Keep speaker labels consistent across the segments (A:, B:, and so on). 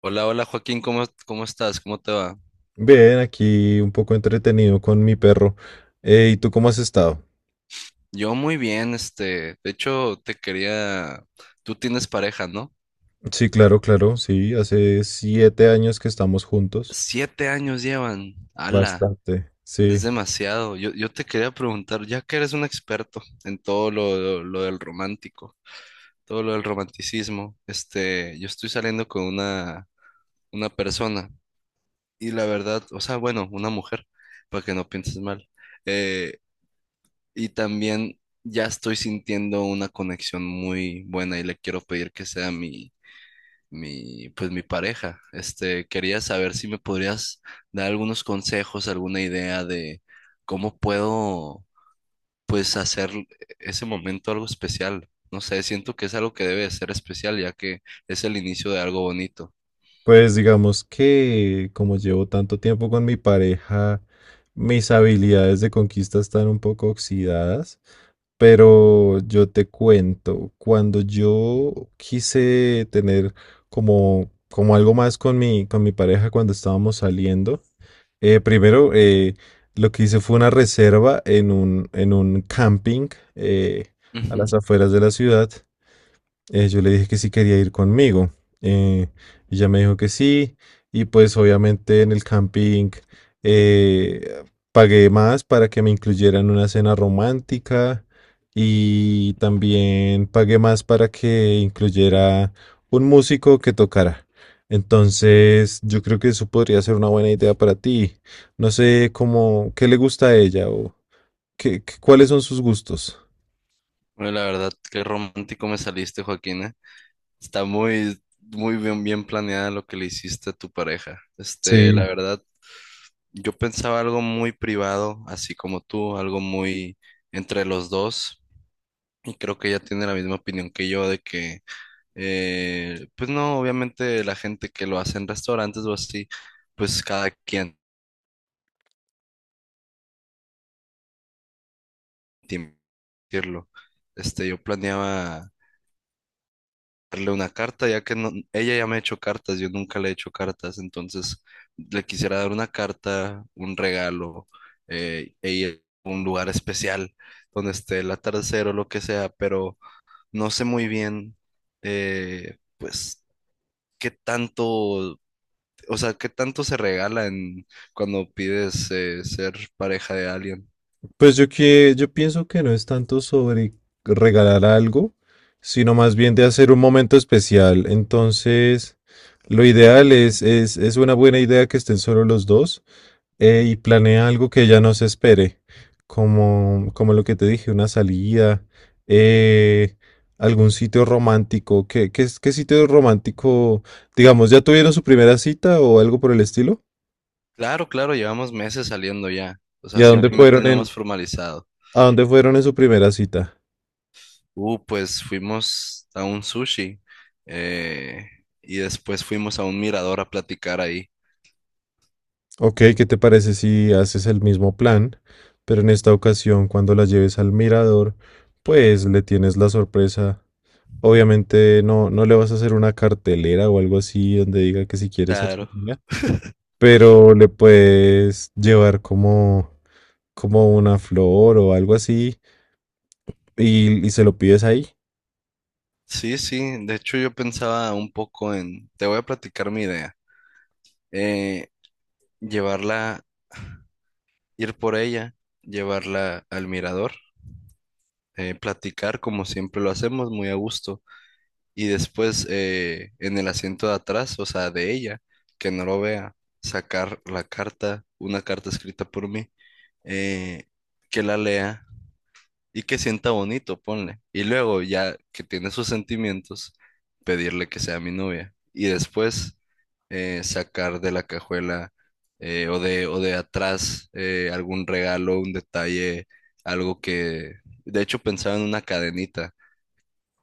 A: Hola, hola Joaquín, ¿cómo estás? ¿Cómo te va?
B: Bien, aquí un poco entretenido con mi perro. ¿y tú cómo has estado?
A: Yo muy bien, este, de hecho te quería, tú tienes pareja, ¿no?
B: Sí, claro, claro, sí. Hace 7 años que estamos juntos.
A: 7 años llevan, ala,
B: Bastante,
A: es
B: sí.
A: demasiado. Yo te quería preguntar, ya que eres un experto en todo lo del romántico, todo lo del romanticismo, este, yo estoy saliendo con una persona y la verdad, o sea, bueno, una mujer, para que no pienses mal. Eh, Y también ya estoy sintiendo una conexión muy buena y le quiero pedir que sea pues mi pareja. Este, quería saber si me podrías dar algunos consejos, alguna idea de cómo puedo, pues, hacer ese momento algo especial. No sé, siento que es algo que debe de ser especial, ya que es el inicio de algo bonito.
B: Pues digamos que como llevo tanto tiempo con mi pareja, mis habilidades de conquista están un poco oxidadas, pero yo te cuento, cuando yo quise tener como algo más con mi pareja cuando estábamos saliendo, primero lo que hice fue una reserva en un camping eh, a
A: Ujú.
B: las afueras de la ciudad. Yo le dije que si quería ir conmigo. eh, Ella me dijo que sí. Y pues obviamente en el camping eh, pagué más para que me incluyeran una cena romántica. Y también pagué más para que incluyera un músico que tocara. Entonces, yo creo que eso podría ser una buena idea para ti. No sé cómo, qué le gusta a ella o cuáles son sus gustos.
A: Bueno, la verdad, qué romántico me saliste, Joaquín. Está muy bien, bien planeada lo que le hiciste a tu pareja. Este, la
B: Sí.
A: verdad, yo pensaba algo muy privado, así como tú, algo muy entre los dos. Y creo que ella tiene la misma opinión que yo de que, pues no, obviamente la gente que lo hace en restaurantes o así, pues cada quien tiene que decirlo. Este, yo planeaba darle una carta, ya que ella ya me ha hecho cartas, yo nunca le he hecho cartas, entonces le quisiera dar una carta, un regalo, e ir a un lugar especial donde esté el atardecer o lo que sea, pero no sé muy bien, pues, qué tanto, o sea, qué tanto se regala en, cuando pides ser pareja de alguien.
B: Pues yo que yo pienso que no es tanto sobre regalar algo, sino más bien de hacer un momento especial. Entonces, lo ideal es una buena idea que estén solo los dos, y planea algo que ella no se espere, como lo que te dije, una salida, eh, algún sitio romántico. ¿ Qué sitio romántico, digamos, ya tuvieron su primera cita o algo por el estilo?
A: Claro, claro, llevamos meses saliendo ya, o
B: ¿Y
A: sea,
B: a dónde
A: simplemente
B: fueron
A: no
B: en,
A: hemos formalizado.
B: a dónde fueron en su primera cita?
A: Pues fuimos a un sushi eh, y después fuimos a un mirador a platicar ahí.
B: Ok, ¿qué te parece si haces el mismo plan, pero en esta ocasión cuando la lleves al mirador, pues le tienes la sorpresa? Obviamente no, no le vas a hacer una cartelera o algo así donde diga que si quiere ser su
A: Claro.
B: amiga, pero le puedes llevar como una flor o algo así y se lo pides ahí.
A: Sí, sí, de hecho yo pensaba un poco en, te voy a platicar mi idea, eh, llevarla, ir por ella, llevarla al mirador, platicar como siempre lo hacemos, muy a gusto, y después en el asiento de atrás, o sea, de ella, que no lo vea, sacar la carta, una carta escrita por mí, eh, que la lea y que sienta bonito, ponle. Y luego, ya que tiene sus sentimientos, pedirle que sea mi novia. Y después sacar de la cajuela o de atrás algún regalo, un detalle, algo que... De hecho, pensaba en una cadenita.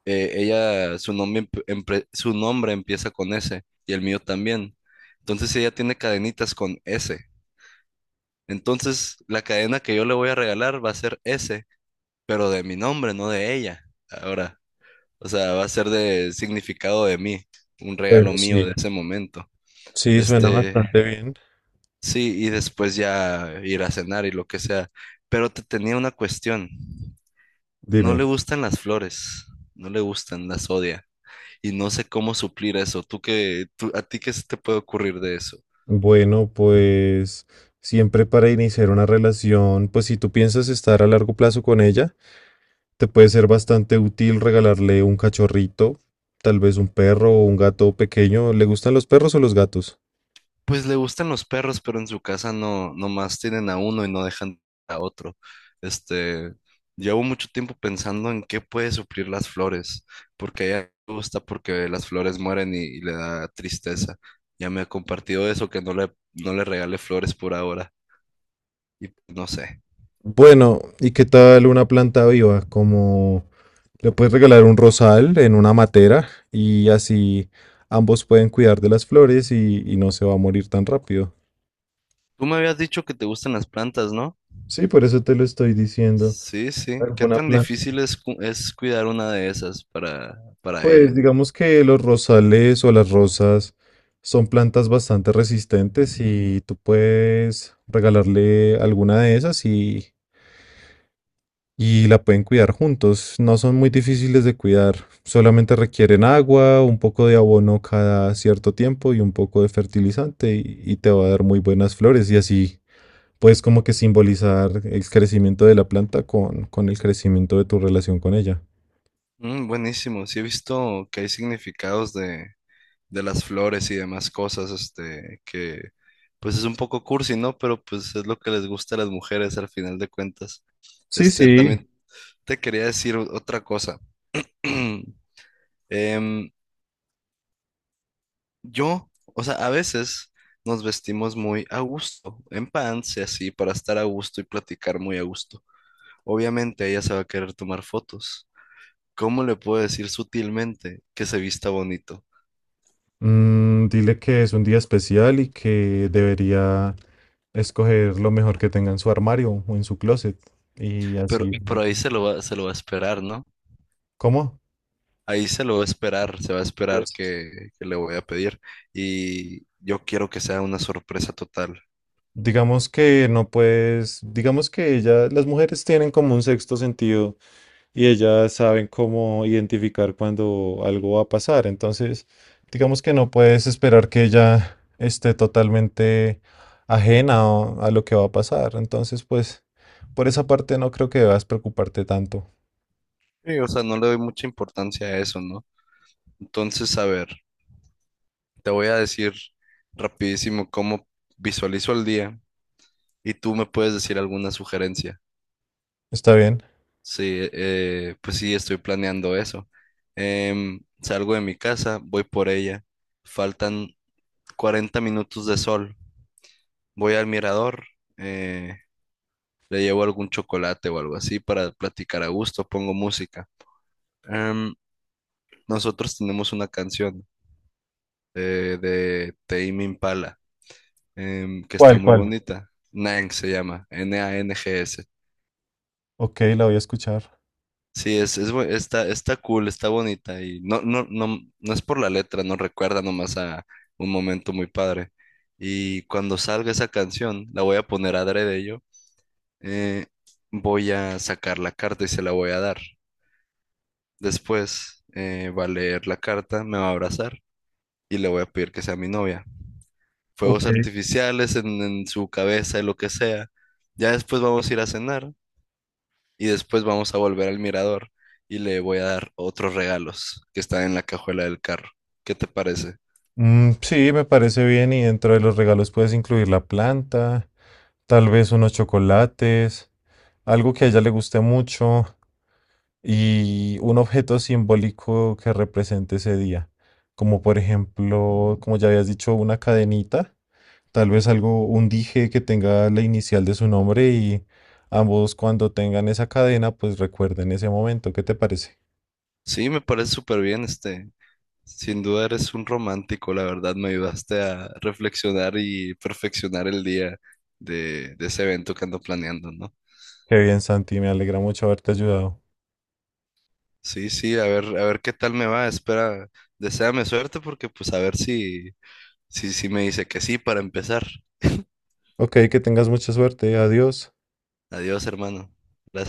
A: Ella, su nombre, su nombre empieza con S y el mío también. Entonces ella tiene cadenitas con S. Entonces la cadena que yo le voy a regalar va a ser S pero de mi nombre, no de ella. Ahora, o sea, va a ser de significado de mí, un regalo
B: Bueno,
A: mío de
B: sí,
A: ese momento.
B: sí, suena
A: Este,
B: bastante bien.
A: sí, y después ya ir a cenar y lo que sea. Pero te tenía una cuestión. No le
B: Dime.
A: gustan las flores, no le gustan, las odia. Y no sé cómo suplir eso. ¿ a ti qué se te puede ocurrir de eso?
B: Bueno, pues siempre para iniciar una relación, pues si tú piensas estar a largo plazo con ella, te puede ser bastante útil regalarle un cachorrito, tal vez un perro o un gato pequeño. ¿Le gustan los perros o los gatos?
A: Pues le gustan los perros, pero en su casa no, nomás tienen a uno y no dejan a otro. Este, llevo mucho tiempo pensando en qué puede suplir las flores, porque a ella le gusta porque las flores mueren y le da tristeza. Ya me ha compartido eso, que no le regale flores por ahora, y no sé.
B: Bueno, ¿y qué tal una planta viva? Como le puedes regalar un rosal en una matera y así ambos pueden cuidar de las flores y no se va a morir tan rápido.
A: Tú me habías dicho que te gustan las plantas, ¿no?
B: Sí, por eso te lo estoy diciendo.
A: Sí, sí. ¿Qué
B: Alguna
A: tan
B: planta.
A: difícil es, es cuidar una de esas para
B: Pues
A: ella?
B: digamos que los rosales o las rosas son plantas bastante resistentes y tú puedes regalarle alguna de esas y la pueden cuidar juntos. No son muy difíciles de cuidar, solamente requieren agua, un poco de abono cada cierto tiempo y un poco de fertilizante y te va a dar muy buenas flores y así puedes como que simbolizar el crecimiento de la planta con el crecimiento de tu relación con ella.
A: Mm, buenísimo. Sí he visto que hay significados de las flores y demás cosas, este, que pues es un poco cursi, ¿no? Pero pues es lo que les gusta a las mujeres al final de cuentas.
B: Sí,
A: Este,
B: sí.
A: también te quería decir otra cosa. Em, yo, o sea, a veces nos vestimos muy a gusto, en pants y así, para estar a gusto y platicar muy a gusto. Obviamente ella se va a querer tomar fotos. ¿Cómo le puedo decir sutilmente que se vista bonito?
B: Mm, dile que es un día especial y que debería escoger lo mejor que tenga en su armario o en su closet. Y así.
A: Pero ahí se lo va a esperar, ¿no?
B: ¿Cómo?
A: Ahí se lo va a esperar, se va a esperar
B: Pues
A: que le voy a pedir. Y yo quiero que sea una sorpresa total.
B: digamos que no puedes, digamos que ella, las mujeres tienen como un sexto sentido. Y ellas saben cómo identificar cuando algo va a pasar. Entonces, digamos que no puedes esperar que ella esté totalmente a lo que va a pasar. Entonces, pues, por esa parte no creo que debas preocuparte tanto.
A: Sí, o sea, no le doy mucha importancia a eso, ¿no? Entonces, a ver, te voy a decir rapidísimo cómo visualizo el día y tú me puedes decir alguna sugerencia.
B: ¿Está bien?
A: Sí, pues sí, estoy planeando eso. Em, salgo de mi casa, voy por ella. Faltan 40 minutos de sol. Voy al mirador. eh, Le llevo algún chocolate o algo así para platicar a gusto, pongo música. Em, nosotros tenemos una canción de Tame Impala que está
B: ¿Cuál,
A: muy
B: cuál?
A: bonita. Nang se llama, NANGS.
B: Ok, la voy a escuchar.
A: Sí, es está, está cool, está bonita y no es por la letra, nos recuerda nomás a un momento muy padre. Y cuando salga esa canción, la voy a poner adrede yo, eh, voy a sacar la carta y se la voy a dar. Después va a leer la carta, me va a abrazar y le voy a pedir que sea mi novia.
B: Ok.
A: Fuegos
B: Ok.
A: artificiales en su cabeza y lo que sea. Ya después vamos a ir a cenar y después vamos a volver al mirador y le voy a dar otros regalos que están en la cajuela del carro. ¿Qué te parece?
B: Mm, sí, me parece bien y dentro de los regalos puedes incluir la planta, tal vez unos chocolates, algo que a ella le guste mucho y un objeto simbólico que represente ese día. Como por ejemplo, como ya habías dicho, una cadenita, tal vez algo, un dije que tenga la inicial de su nombre y ambos cuando tengan esa cadena, pues recuerden ese momento. ¿Qué te parece?
A: Sí, me parece súper bien, este. Sin duda eres un romántico, la verdad me ayudaste a reflexionar y perfeccionar el día de ese evento que ando planeando, ¿no?
B: Qué bien, Santi, me alegra mucho haberte ayudado.
A: Sí, sí, a ver qué tal me va. Espera, deséame suerte porque pues a ver si, si me dice que sí para empezar.
B: Ok, que tengas mucha suerte. Adiós.
A: Adiós, hermano. Gracias.